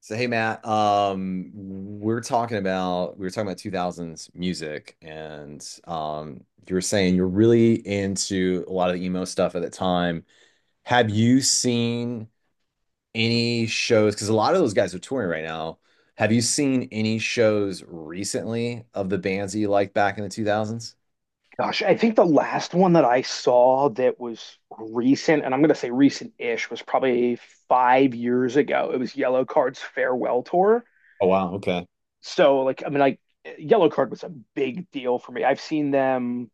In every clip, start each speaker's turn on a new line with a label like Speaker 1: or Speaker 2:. Speaker 1: So hey Matt, we were talking about 2000s music, and you were saying you're really into a lot of the emo stuff at the time. Have you seen any shows? Because a lot of those guys are touring right now. Have you seen any shows recently of the bands that you liked back in the 2000s?
Speaker 2: Gosh, I think the last one that I saw that was recent, and I'm going to say recent-ish, was probably 5 years ago. It was Yellow Card's farewell tour.
Speaker 1: Oh wow, okay.
Speaker 2: So, like, I mean, like, Yellow Card was a big deal for me. I've seen them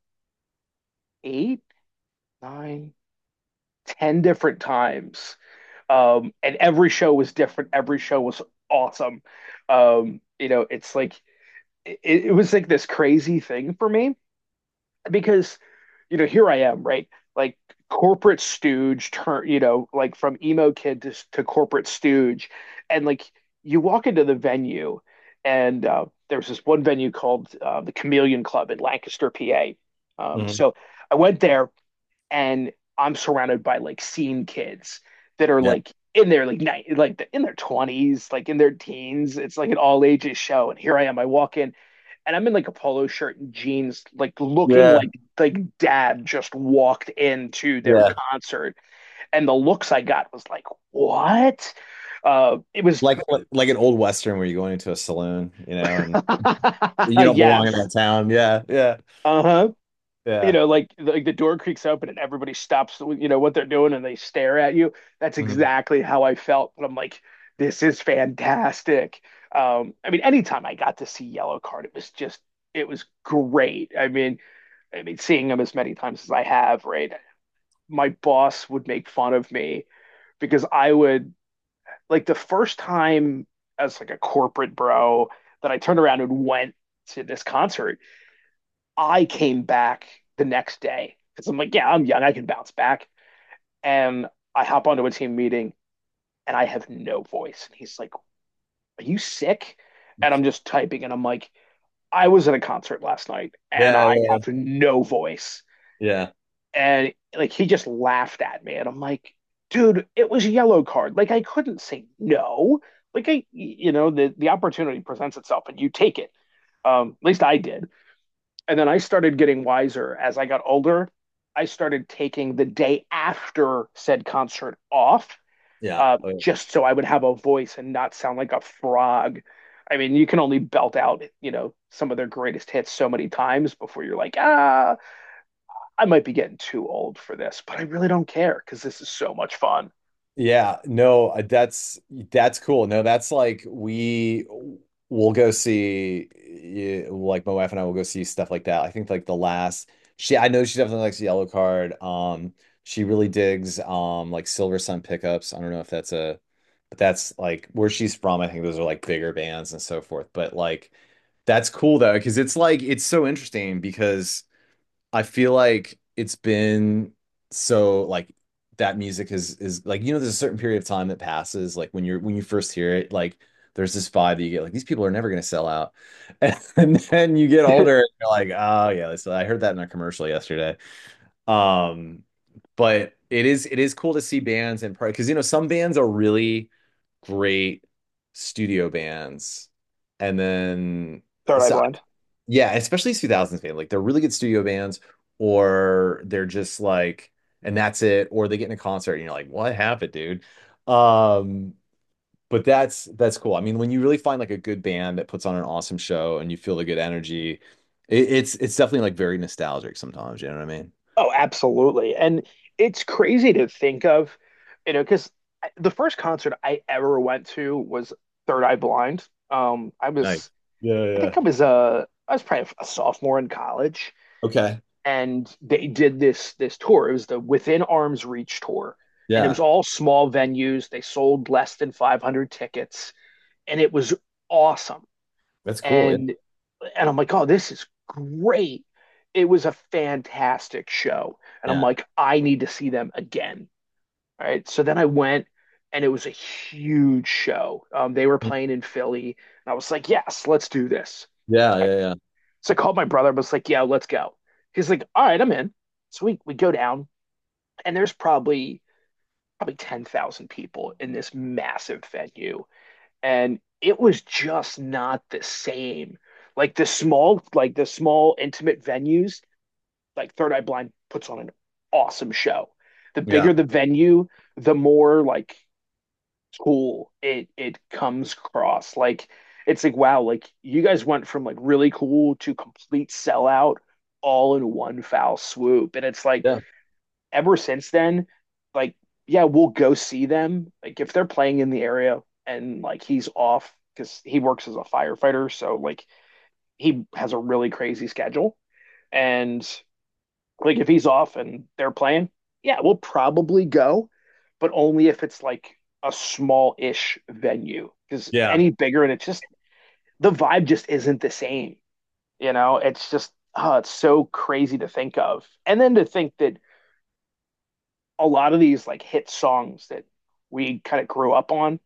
Speaker 2: eight, nine, ten different times, and every show was different. Every show was awesome. It's like it, it was like this crazy thing for me because here I am, right? Like corporate stooge turn, like from emo kid to corporate stooge, and like you walk into the venue, and there was this one venue called the Chameleon Club in Lancaster, PA. Um,
Speaker 1: Mhm.
Speaker 2: so I went there, and I'm surrounded by like scene kids that are
Speaker 1: Yeah.
Speaker 2: like in their like in their 20s, like in their teens. It's like an all ages show, and here I am, I walk in and I'm in like a polo shirt and jeans, like looking
Speaker 1: Yeah,
Speaker 2: like dad just walked into their
Speaker 1: yeah.
Speaker 2: concert, and the looks I got was like, what? It was
Speaker 1: Like like an old Western where you're going into a saloon, you know, and you don't belong in
Speaker 2: yes,
Speaker 1: that town. Yeah, yeah,
Speaker 2: uh huh. You
Speaker 1: yeah.
Speaker 2: know, like like the door creaks open and everybody stops, you know what they're doing, and they stare at you. That's exactly how I felt. But I'm like, this is fantastic. I mean, anytime I got to see Yellowcard, it was great. I mean, seeing him as many times as I have, right? My boss would make fun of me because I would, like the first time as like a corporate bro that I turned around and went to this concert, I came back the next day because I'm like, yeah, I'm young, I can bounce back. And I hop onto a team meeting and I have no voice. And he's like, Are you sick? And I'm just typing and I'm like, I was at a concert last night and I
Speaker 1: Yeah,
Speaker 2: have no voice.
Speaker 1: yeah,
Speaker 2: And like he just laughed at me, and I'm like, dude, it was a Yellow Card, like I couldn't say no. Like I, the opportunity presents itself and you take it. At least I did. And then I started getting wiser as I got older. I started taking the day after said concert off,
Speaker 1: yeah. Oh, yeah.
Speaker 2: just so I would have a voice and not sound like a frog. I mean you can only belt out some of their greatest hits so many times before you're like, ah, I might be getting too old for this, but I really don't care because this is so much fun.
Speaker 1: Yeah, no, that's cool. No, that's like we will go see, yeah, like my wife and I will go see stuff like that. I think like the last, she, I know she definitely likes Yellow Card. She really digs like Silver Sun pickups. I don't know if that's a, but that's like where she's from. I think those are like bigger bands and so forth. But like that's cool though, because it's like it's so interesting because I feel like it's been so like that music is like, you know, there's a certain period of time that passes like when you're when you first hear it, like there's this vibe that you get like these people are never going to sell out and then you get
Speaker 2: Third
Speaker 1: older and you're like, oh yeah, so I heard that in a commercial yesterday. um but it is cool to see bands, and because you know some bands are really great studio bands, and then
Speaker 2: Eye
Speaker 1: so
Speaker 2: Blind.
Speaker 1: yeah, especially 2000s band. Like they're really good studio bands, or they're just like, and that's it, or they get in a concert and you're like, what happened, dude? Um, but that's cool. I mean, when you really find like a good band that puts on an awesome show and you feel the good energy, it's definitely like very nostalgic sometimes, you know what I mean?
Speaker 2: Oh, absolutely. And it's crazy to think of because the first concert I ever went to was Third Eye Blind.
Speaker 1: Nice. Yeah,
Speaker 2: I
Speaker 1: yeah.
Speaker 2: think I was probably a sophomore in college,
Speaker 1: Okay.
Speaker 2: and they did this tour. It was the Within Arms Reach tour, and it was
Speaker 1: Yeah.
Speaker 2: all small venues. They sold less than 500 tickets, and it was awesome.
Speaker 1: That's cool. Yeah.
Speaker 2: And And I'm like, oh, this is great. It was a fantastic show. And I'm
Speaker 1: Yeah.
Speaker 2: like, I need to see them again. All right. So then I went and it was a huge show. They were playing in Philly. And I was like, yes, let's do this.
Speaker 1: Yeah, yeah, yeah.
Speaker 2: So I called my brother, but was like, yeah, let's go. He's like, all right, I'm in. So we go down and there's probably 10,000 people in this massive venue, and it was just not the same. Like the small intimate venues, like Third Eye Blind puts on an awesome show. The
Speaker 1: Yeah.
Speaker 2: bigger the venue, the more like cool it comes across. Like it's like, wow, like you guys went from like really cool to complete sellout all in one foul swoop, and it's like
Speaker 1: Yeah.
Speaker 2: ever since then, like, yeah, we'll go see them. Like, if they're playing in the area, and like he's off because he works as a firefighter, so like he has a really crazy schedule. And like, if he's off and they're playing, yeah, we'll probably go, but only if it's like a small ish venue, because
Speaker 1: Yeah.
Speaker 2: any bigger and it's just the vibe just isn't the same. It's just, oh, it's so crazy to think of. And then to think that a lot of these like hit songs that we kind of grew up on,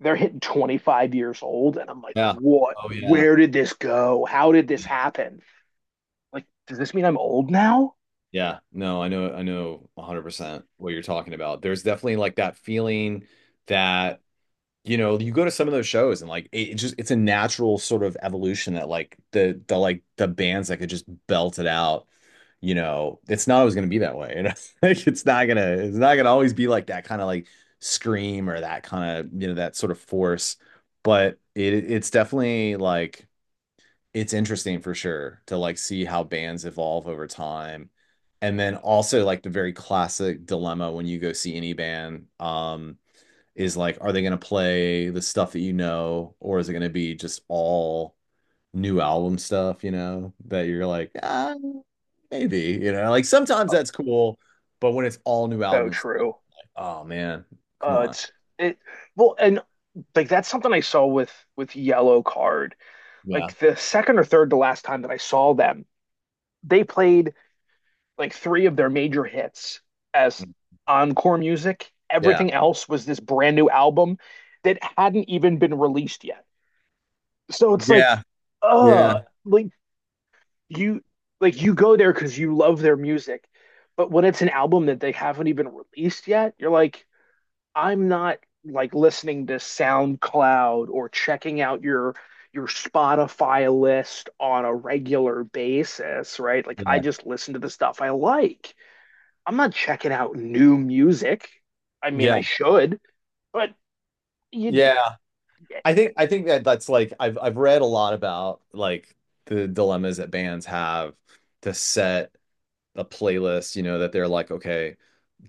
Speaker 2: they're hitting 25 years old. And I'm like,
Speaker 1: Yeah.
Speaker 2: what?
Speaker 1: Oh yeah.
Speaker 2: Where did this go? How did this happen? Like, does this mean I'm old now?
Speaker 1: Yeah, no, I know 100% what you're talking about. There's definitely like that feeling that, you know, you go to some of those shows and like it just it's a natural sort of evolution that like the like the bands that could just belt it out, you know, it's not always gonna be that way. You know? Like it's not gonna always be like that kind of like scream or that kind of, you know, that sort of force. But it's definitely like it's interesting for sure to like see how bands evolve over time. And then also like the very classic dilemma when you go see any band, is like, are they going to play the stuff that you know, or is it going to be just all new album stuff, you know, that you're like, ah, maybe, you know, like sometimes that's cool, but when it's all new
Speaker 2: So
Speaker 1: albums,
Speaker 2: true.
Speaker 1: like, oh man, come on.
Speaker 2: It's it well and like that's something I saw with Yellow Card,
Speaker 1: Yeah.
Speaker 2: like the second or third to last time that I saw them. They played like three of their major hits as encore music.
Speaker 1: Yeah.
Speaker 2: Everything else was this brand new album that hadn't even been released yet. So it's
Speaker 1: Yeah. Yeah.
Speaker 2: uh, like you like you go there because you love their music, but when it's an album that they haven't even released yet, you're like, I'm not like listening to SoundCloud or checking out your Spotify list on a regular basis, right? Like I
Speaker 1: Yeah.
Speaker 2: just listen to the stuff I like. I'm not checking out new music. I mean,
Speaker 1: Yeah.
Speaker 2: I should, but you,
Speaker 1: Yeah. I think that that's like I've read a lot about like the dilemmas that bands have to set a playlist, you know, that they're like, okay,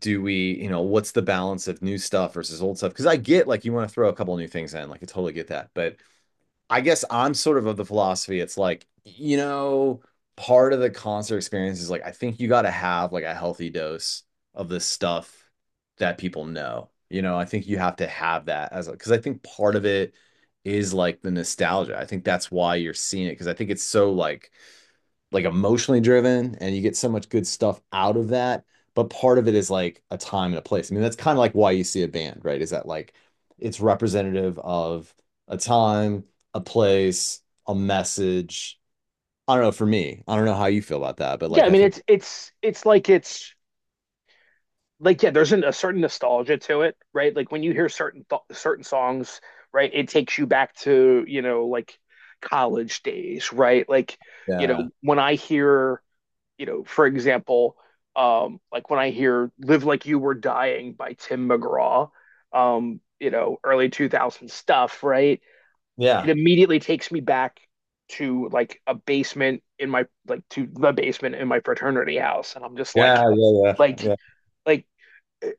Speaker 1: do we, you know, what's the balance of new stuff versus old stuff? Because I get like you want to throw a couple new things in, like I totally get that. But I guess I'm sort of the philosophy, it's like, you know, part of the concert experience is like, I think you got to have like a healthy dose of this stuff that people know. You know, I think you have to have that as a, because I think part of it is like the nostalgia. I think that's why you're seeing it, because I think it's so like emotionally driven and you get so much good stuff out of that. But part of it is like a time and a place. I mean, that's kind of like why you see a band, right, is that like it's representative of a time, a place, a message. I don't know, for me, I don't know how you feel about that, but
Speaker 2: yeah,
Speaker 1: like
Speaker 2: I
Speaker 1: I
Speaker 2: mean,
Speaker 1: think,
Speaker 2: it's like, yeah, there's a certain nostalgia to it, right? Like when you hear certain certain songs, right? It takes you back to like college days, right? Like
Speaker 1: yeah,
Speaker 2: when I hear, you know, for example, like when I hear "Live Like You Were Dying" by Tim McGraw, early 2000 stuff, right?
Speaker 1: yeah,
Speaker 2: It immediately takes me back to the basement in my fraternity house, and I'm just like
Speaker 1: yeah, yeah,
Speaker 2: like
Speaker 1: yeah,
Speaker 2: like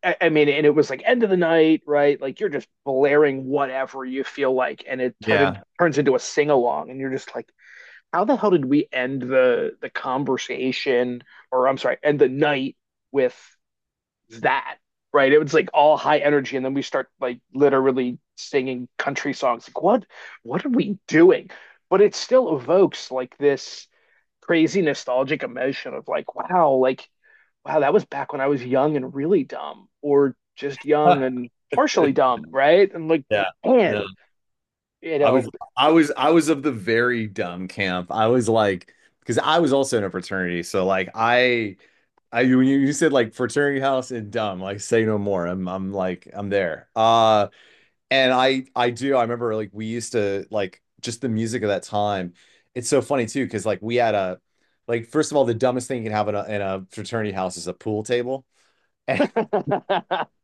Speaker 2: I mean, and it was like end of the night, right? Like you're just blaring whatever you feel like, and it turned
Speaker 1: yeah,
Speaker 2: turns into a sing along, and you're just like, how the hell did we end the conversation, or I'm sorry, end the night with that, right? It was like all high energy, and then we start like literally singing country songs. Like what are we doing? But it still evokes like this crazy nostalgic emotion of like wow, that was back when I was young and really dumb, or just young
Speaker 1: yeah,
Speaker 2: and partially dumb, right? And like,
Speaker 1: yeah. Yeah.
Speaker 2: man, you
Speaker 1: I
Speaker 2: know,
Speaker 1: was I was of the very dumb camp. I was like, because I was also in a fraternity, so like I when you said like fraternity house and dumb, like say no more. I'm like I'm there. And I do, I remember like we used to like just the music of that time. It's so funny too because like we had a, like first of all, the dumbest thing you can have in a fraternity house is a pool table.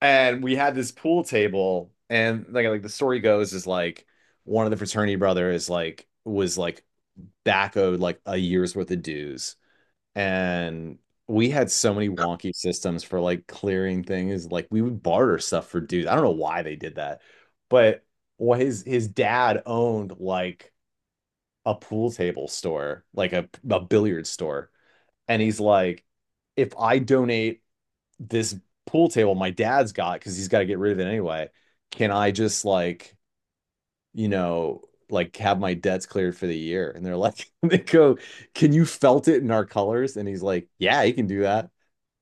Speaker 1: And we had this pool table and like the story goes is like one of the fraternity brothers like was like back owed like a year's worth of dues, and we had so many wonky systems for like clearing things, like we would barter stuff for dues, I don't know why they did that, but well, his dad owned like a pool table store, like a billiard store, and he's like, if I donate this pool table my dad's got because he's got to get rid of it anyway, can I just like, you know, like have my debts cleared for the year? And they're like, they go, can you felt it in our colors? And he's like, yeah, he can do that.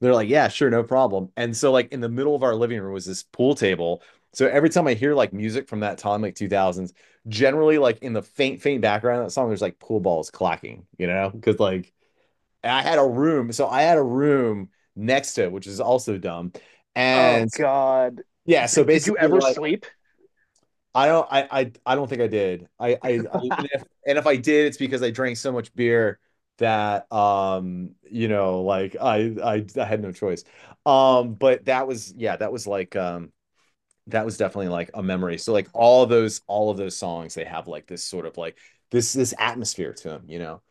Speaker 1: They're like, yeah, sure, no problem. And so like in the middle of our living room was this pool table. So every time I hear like music from that time, like 2000s, generally like in the faint, faint background of that song, there's like pool balls clacking, you know, because like, and I had a room. So I had a room next to it, which is also dumb.
Speaker 2: oh
Speaker 1: And so,
Speaker 2: God.
Speaker 1: yeah, so
Speaker 2: Like, did you
Speaker 1: basically
Speaker 2: ever
Speaker 1: like,
Speaker 2: sleep?
Speaker 1: I don't, I don't think I did. I and
Speaker 2: Ab-
Speaker 1: if I did, it's because I drank so much beer that, you know, like I had no choice. But that was, yeah, that was like, that was definitely like a memory. So like all of those songs, they have like this sort of like this atmosphere to them, you know.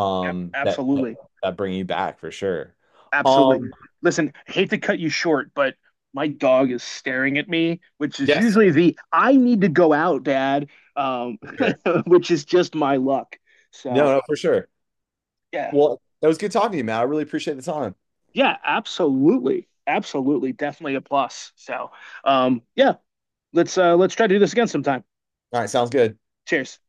Speaker 1: That
Speaker 2: absolutely.
Speaker 1: that bring you back for sure.
Speaker 2: Absolutely.
Speaker 1: Um
Speaker 2: Listen, I hate to cut you short, but my dog is staring at me, which is
Speaker 1: yes,
Speaker 2: usually the I need to go out, Dad, um,
Speaker 1: for sure.
Speaker 2: which is just my luck.
Speaker 1: No,
Speaker 2: So,
Speaker 1: no, for sure.
Speaker 2: yeah.
Speaker 1: Well, that was good talking to you, man. I really appreciate the time.
Speaker 2: Yeah, absolutely. Absolutely. Definitely a plus. So, yeah, let's try to do this again sometime.
Speaker 1: All right, sounds good.
Speaker 2: Cheers.